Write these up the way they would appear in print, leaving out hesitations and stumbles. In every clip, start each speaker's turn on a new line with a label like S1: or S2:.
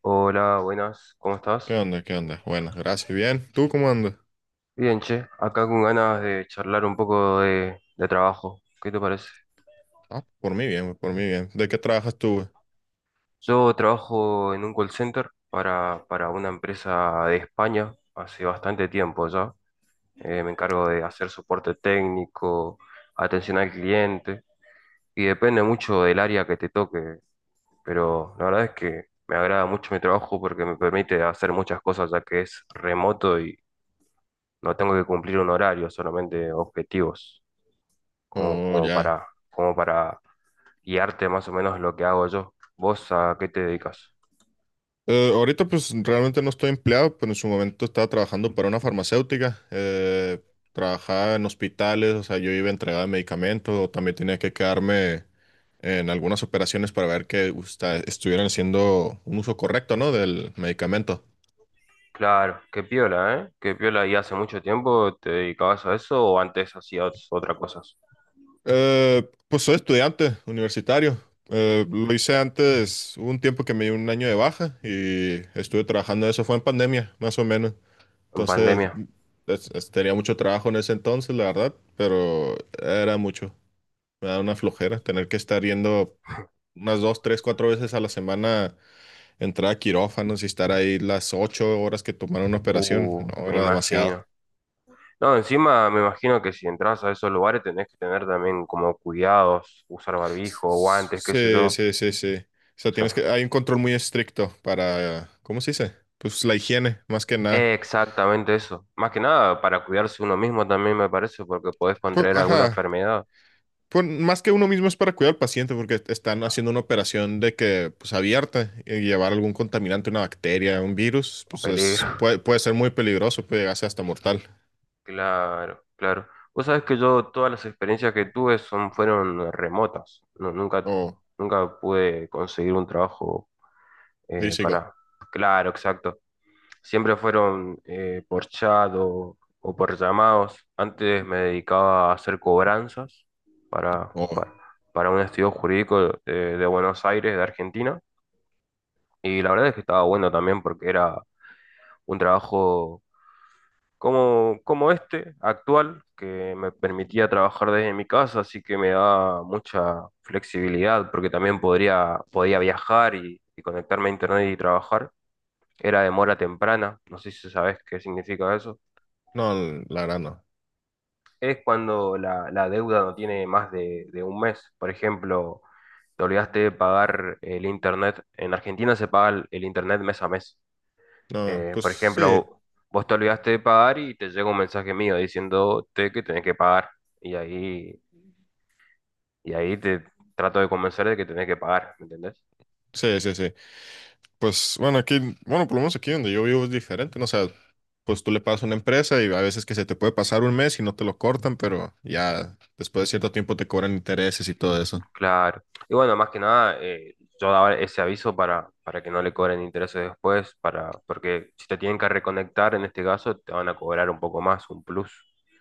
S1: Hola, buenas, ¿cómo
S2: ¿Qué
S1: estás?
S2: onda? ¿Qué onda? Bueno, gracias. Bien. ¿Tú cómo andas?
S1: Bien, che, acá con ganas de charlar un poco de trabajo. ¿Qué te parece?
S2: Ah, por mí bien, por mí bien. ¿De qué trabajas tú, güey?
S1: Yo trabajo en un call center para una empresa de España hace bastante tiempo ya. Me encargo de hacer soporte técnico, atención al cliente, y depende mucho del área que te toque, pero la verdad es que me agrada mucho mi trabajo porque me permite hacer muchas cosas ya que es remoto y no tengo que cumplir un horario, solamente objetivos. como,
S2: Oh,
S1: como
S2: ya.
S1: para, como para guiarte más o menos lo que hago yo. ¿Vos a qué te dedicas?
S2: Ahorita pues realmente no estoy empleado, pero en su momento estaba trabajando para una farmacéutica. Trabajaba en hospitales, o sea, yo iba a entregar medicamentos, o también tenía que quedarme en algunas operaciones para ver que estuvieran haciendo un uso correcto, ¿no? Del medicamento.
S1: Claro, qué piola, ¿eh? Qué piola. ¿Y hace mucho tiempo te dedicabas a eso o antes hacías otra cosas?
S2: Pues soy estudiante universitario. Lo hice antes, hubo un tiempo que me dio un año de baja y estuve trabajando, eso fue en pandemia, más o menos.
S1: En
S2: Entonces,
S1: pandemia.
S2: tenía mucho trabajo en ese entonces, la verdad, pero era mucho. Me da una flojera tener que estar yendo unas dos, tres, cuatro veces a la semana, entrar a quirófanos y estar ahí las 8 horas que tomaron una operación. No,
S1: Me
S2: era demasiado.
S1: imagino. No, encima me imagino que si entras a esos lugares tenés que tener también como cuidados, usar barbijo, guantes, qué sé yo.
S2: Sí,
S1: O
S2: sí, sí, sí. O sea, tienes
S1: sea,
S2: que, hay un control muy estricto para, ¿cómo se dice? Pues la higiene, más que nada.
S1: exactamente eso. Más que nada para cuidarse uno mismo también me parece, porque podés
S2: Pues,
S1: contraer alguna
S2: ajá.
S1: enfermedad.
S2: Pues más que uno mismo es para cuidar al paciente, porque están
S1: Ah,
S2: haciendo una operación de que, pues abierta, y llevar algún contaminante, una bacteria, un virus,
S1: un
S2: pues es-
S1: peligro.
S2: puede, puede ser muy peligroso, puede llegar a ser hasta mortal,
S1: Claro, claro. Vos sabés que yo todas las experiencias que tuve son, fueron remotas.
S2: o
S1: Nunca pude conseguir un trabajo
S2: físico,
S1: para... Claro, exacto. Siempre fueron por chat o por llamados. Antes me dedicaba a hacer cobranzas para,
S2: o,
S1: para, para un estudio jurídico de Buenos Aires, de Argentina. Y la verdad es que estaba bueno también porque era un trabajo como, como este actual, que me permitía trabajar desde mi casa, así que me da mucha flexibilidad, porque también podía viajar y conectarme a internet y trabajar. Era de mora temprana, no sé si sabes qué significa eso.
S2: no, la verdad no.
S1: Es cuando la deuda no tiene más de un mes. Por ejemplo, te olvidaste de pagar el internet. En Argentina se paga el internet mes a mes.
S2: No, pues
S1: Por
S2: sí,
S1: ejemplo, vos te olvidaste de pagar y te llega un mensaje mío diciéndote que tenés que pagar. Y ahí, y ahí te trato de convencer de que tenés que pagar, ¿me entendés?
S2: sí, sí, sí. Pues bueno, aquí, bueno, por lo menos aquí donde yo vivo es diferente, ¿no? O sea, pues tú le pagas a una empresa y a veces que se te puede pasar un mes y no te lo cortan, pero ya después de cierto tiempo te cobran intereses y todo eso.
S1: Claro. Y bueno, más que nada, yo daba ese aviso para que no le cobren intereses después, para, porque si te tienen que reconectar en este caso, te van a cobrar un poco más, un plus.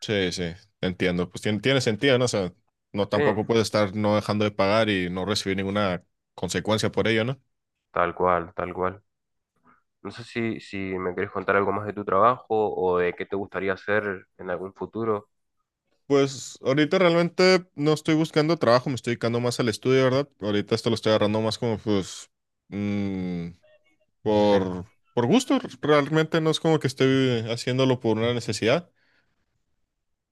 S2: Sí, sí, te entiendo. Pues tiene sentido, ¿no? O sea, no
S1: Sí,
S2: tampoco puedes estar no dejando de pagar y no recibir ninguna consecuencia por ello, ¿no?
S1: tal cual, tal cual. No sé si me querés contar algo más de tu trabajo o de qué te gustaría hacer en algún futuro.
S2: Pues ahorita realmente no estoy buscando trabajo, me estoy dedicando más al estudio, ¿verdad? Ahorita esto lo estoy agarrando más como pues mm,
S1: Sí.
S2: por, gusto. Realmente no es como que esté haciéndolo por una necesidad.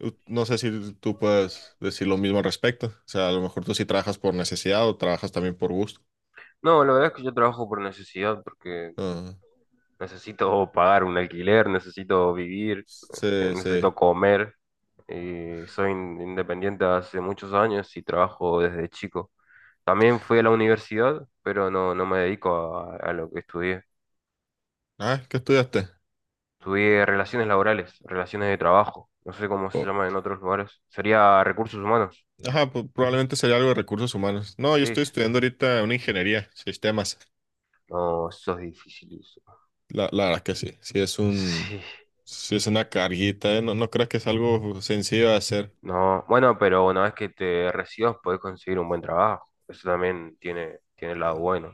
S2: No sé si tú puedes decir lo mismo al respecto. O sea, a lo mejor tú sí trabajas por necesidad o trabajas también por gusto.
S1: No, la verdad es que yo trabajo por necesidad, porque
S2: Ah,
S1: necesito pagar un alquiler, necesito vivir,
S2: sí, sí.
S1: necesito comer. Y soy independiente hace muchos años y trabajo desde chico. También fui a la universidad, pero no me dedico a lo que estudié.
S2: Ah, ¿qué estudiaste?
S1: Estudié relaciones laborales, relaciones de trabajo. No sé cómo se
S2: Oh.
S1: llama en otros lugares. Sería recursos humanos.
S2: Ajá, pues probablemente sería algo de recursos humanos. No, yo
S1: Sí,
S2: estoy
S1: sí.
S2: estudiando ahorita una ingeniería, sistemas.
S1: No, eso es difícil.
S2: La verdad que sí. Sí es un,
S1: Sí.
S2: sí es una carguita, ¿eh? No, no creo que es algo sencillo de hacer.
S1: No, bueno, pero una vez que te recibas podés conseguir un buen trabajo. Eso también tiene, tiene el lado bueno.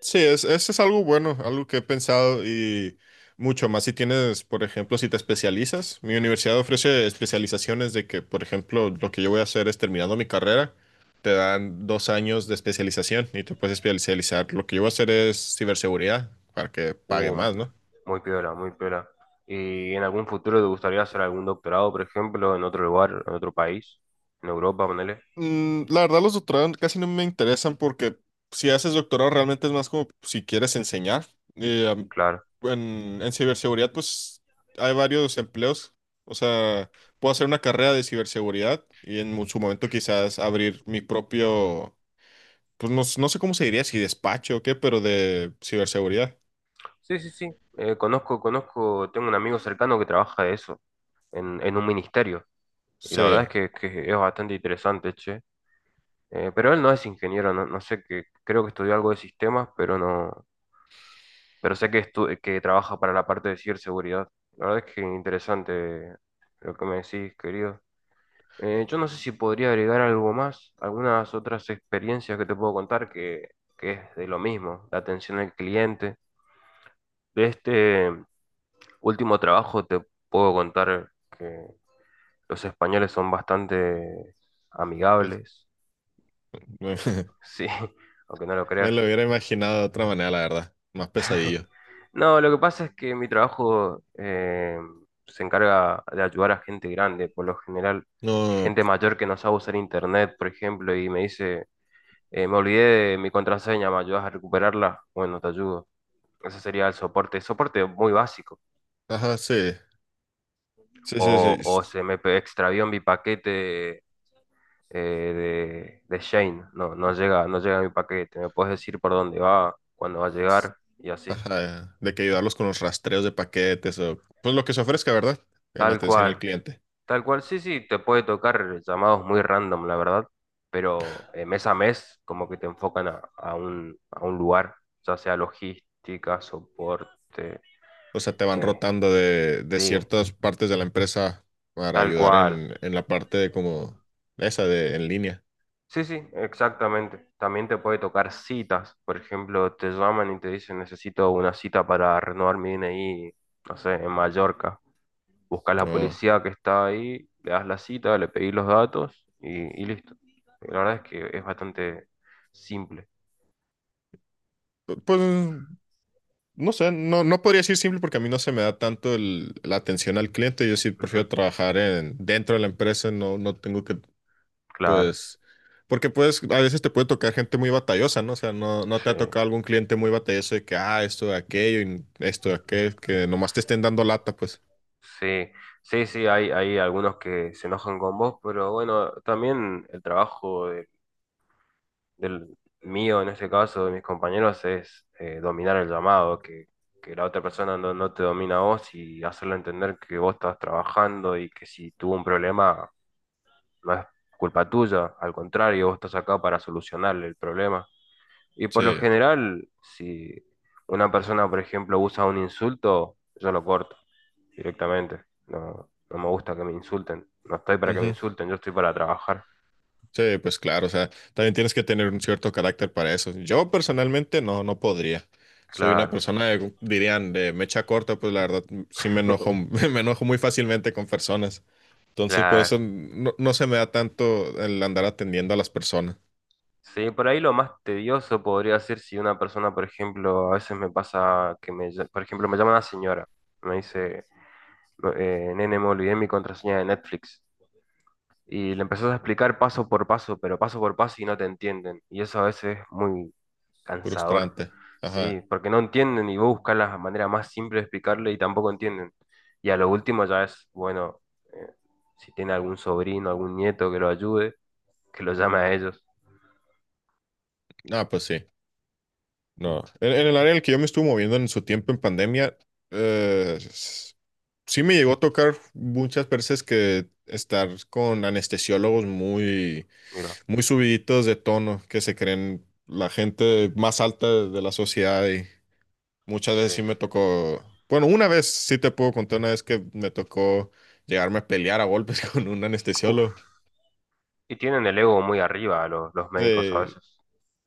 S2: Sí, es, eso es algo bueno, algo que he pensado y mucho más si tienes, por ejemplo, si te especializas. Mi universidad ofrece especializaciones de que, por ejemplo, lo que yo voy a hacer es terminando mi carrera, te dan 2 años de especialización y te puedes especializar. Lo que yo voy a hacer es ciberseguridad para que pague
S1: Uh,
S2: más, ¿no?
S1: muy piola, muy piola. ¿Y en algún futuro te gustaría hacer algún doctorado, por ejemplo, en otro lugar, en otro país? En Europa, ponele.
S2: La verdad, los doctorados casi no me interesan porque si haces doctorado realmente es más como si quieres enseñar. Eh, am-
S1: Claro.
S2: en ciberseguridad, pues hay varios empleos. O sea, puedo hacer una carrera de ciberseguridad y en su momento quizás abrir mi propio, pues no, no sé cómo se diría, si despacho o qué, pero de ciberseguridad.
S1: Sí, sí, sí. Conozco, tengo un amigo cercano que trabaja de eso, en un ministerio. Y la verdad es
S2: Sí,
S1: que es bastante interesante, che. Pero él no es ingeniero, no, no sé qué, creo que estudió algo de sistemas, pero no, pero sé que, que trabaja para la parte de ciberseguridad. La verdad es que interesante lo que me decís, querido. Yo no sé si podría agregar algo más, algunas otras experiencias que te puedo contar que es de lo mismo, la atención al cliente. De este último trabajo te puedo contar que los españoles son bastante
S2: pues,
S1: amigables,
S2: me,
S1: sí, aunque no lo
S2: me lo
S1: creas.
S2: hubiera imaginado de otra manera, la verdad. Más pesadillo.
S1: No, lo que pasa es que mi trabajo se encarga de ayudar a gente grande, por lo general
S2: No,
S1: gente mayor que no sabe usar internet, por ejemplo, y me dice, me olvidé de mi contraseña, ¿me ayudas a recuperarla? Bueno, te ayudo. Ese sería el soporte, soporte muy básico.
S2: ajá, sí. Sí, sí,
S1: O
S2: sí.
S1: se me extravió mi paquete de Shane, no, no llega, no llega mi paquete, me puedes decir por dónde va, cuándo va a llegar y así.
S2: Ajá, de que ayudarlos con los rastreos de paquetes o pues lo que se ofrezca, ¿verdad? En
S1: Tal
S2: atención al
S1: cual.
S2: cliente.
S1: Tal cual, sí, sí, te puede tocar llamados muy random, la verdad, pero mes a mes como que te enfocan a un lugar, ya sea logística, soporte,
S2: O sea, te van
S1: eh,
S2: rotando de
S1: sí,
S2: ciertas partes de la empresa para
S1: tal
S2: ayudar
S1: cual.
S2: en la parte de como esa de en línea.
S1: Sí, sí, exactamente. También te puede tocar citas, por ejemplo, te llaman y te dicen necesito una cita para renovar mi DNI, no sé, en Mallorca. Buscas la
S2: O,
S1: policía que está ahí, le das la cita, le pedís los datos y listo. La verdad es que es bastante simple.
S2: pues no sé, no, no podría decir simple porque a mí no se me da tanto la atención al cliente. Yo sí
S1: Ujú,
S2: prefiero trabajar dentro de la empresa, no tengo que
S1: claro,
S2: pues, porque pues a veces te puede tocar gente muy batallosa, ¿no? O sea, no te
S1: sí,
S2: ha tocado algún cliente muy batalloso de que, ah, esto de aquello, y esto de aquello, que nomás te estén dando lata, pues.
S1: sí, sí, sí, hay algunos que se enojan con vos, pero bueno, también el trabajo del mío, en este caso, de mis compañeros, es dominar el llamado, que la otra persona no, no te domina a vos y hacerle entender que vos estás trabajando y que si tuvo un problema no es culpa tuya, al contrario, vos estás acá para solucionarle el problema. Y por lo
S2: Sí.
S1: general, si una persona, por ejemplo, usa un insulto, yo lo corto directamente. No, no me gusta que me insulten. No estoy para que me
S2: Ujú.
S1: insulten, yo estoy para trabajar.
S2: Sí, pues claro, o sea, también tienes que tener un cierto carácter para eso. Yo personalmente no podría. Soy una
S1: Claro,
S2: persona, dirían, de mecha corta, pues la verdad sí me enojo, me enojo muy fácilmente con personas. Entonces, por
S1: claro.
S2: eso no se me da tanto el andar atendiendo a las personas.
S1: Sí, por ahí lo más tedioso podría ser si una persona, por ejemplo, a veces me pasa que me, por ejemplo, me llama una señora, me dice, "No, nene, me olvidé mi contraseña de Netflix". Y le empezás a explicar paso por paso, pero paso por paso y no te entienden. Y eso a veces es muy... Cansador.
S2: Frustrante.
S1: Sí,
S2: Ajá.
S1: porque no entienden y vos buscas la manera más simple de explicarle y tampoco entienden. Y a lo último ya es, bueno, eh, si tiene algún sobrino, algún nieto que lo ayude, que lo llame a ellos.
S2: Ah, pues sí. No, en, el área en el que yo me estuve moviendo en su tiempo en pandemia, eh, s- sí me llegó a tocar muchas veces que estar con anestesiólogos muy,
S1: Mira,
S2: muy subiditos de tono, que se creen la gente más alta de la sociedad y muchas
S1: sí.
S2: veces sí me tocó, bueno, una vez sí te puedo contar una vez que me tocó llegarme a pelear a golpes con un anestesiólogo.
S1: Uf. Y tienen el ego muy arriba los médicos a
S2: Se,
S1: veces.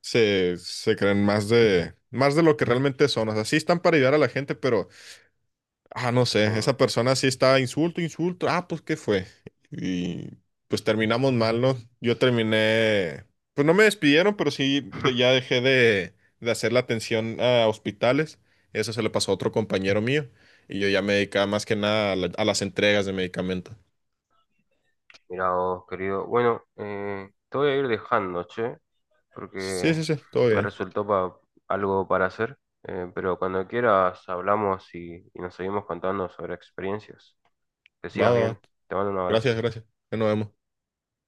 S2: se creen más de lo que realmente son. O sea, sí están para ayudar a la gente, pero ah, no sé,
S1: Sí.
S2: esa persona sí estaba insulto, insulto. Ah, pues, ¿qué fue? Y pues terminamos mal, ¿no? Yo terminé, pues no me despidieron, pero sí ya dejé de, hacer la atención a hospitales. Eso se le pasó a otro compañero mío y yo ya me dedicaba más que nada a las entregas de medicamentos.
S1: Mira vos, querido. Bueno, te voy a ir dejando, che,
S2: Sí,
S1: porque
S2: sí, sí, todo
S1: me
S2: bien.
S1: resultó algo para hacer. Pero cuando quieras hablamos y nos seguimos contando sobre experiencias. Que
S2: Va,
S1: sigas
S2: va, va.
S1: bien. Te mando un abrazo.
S2: Gracias, gracias. Ya nos vemos.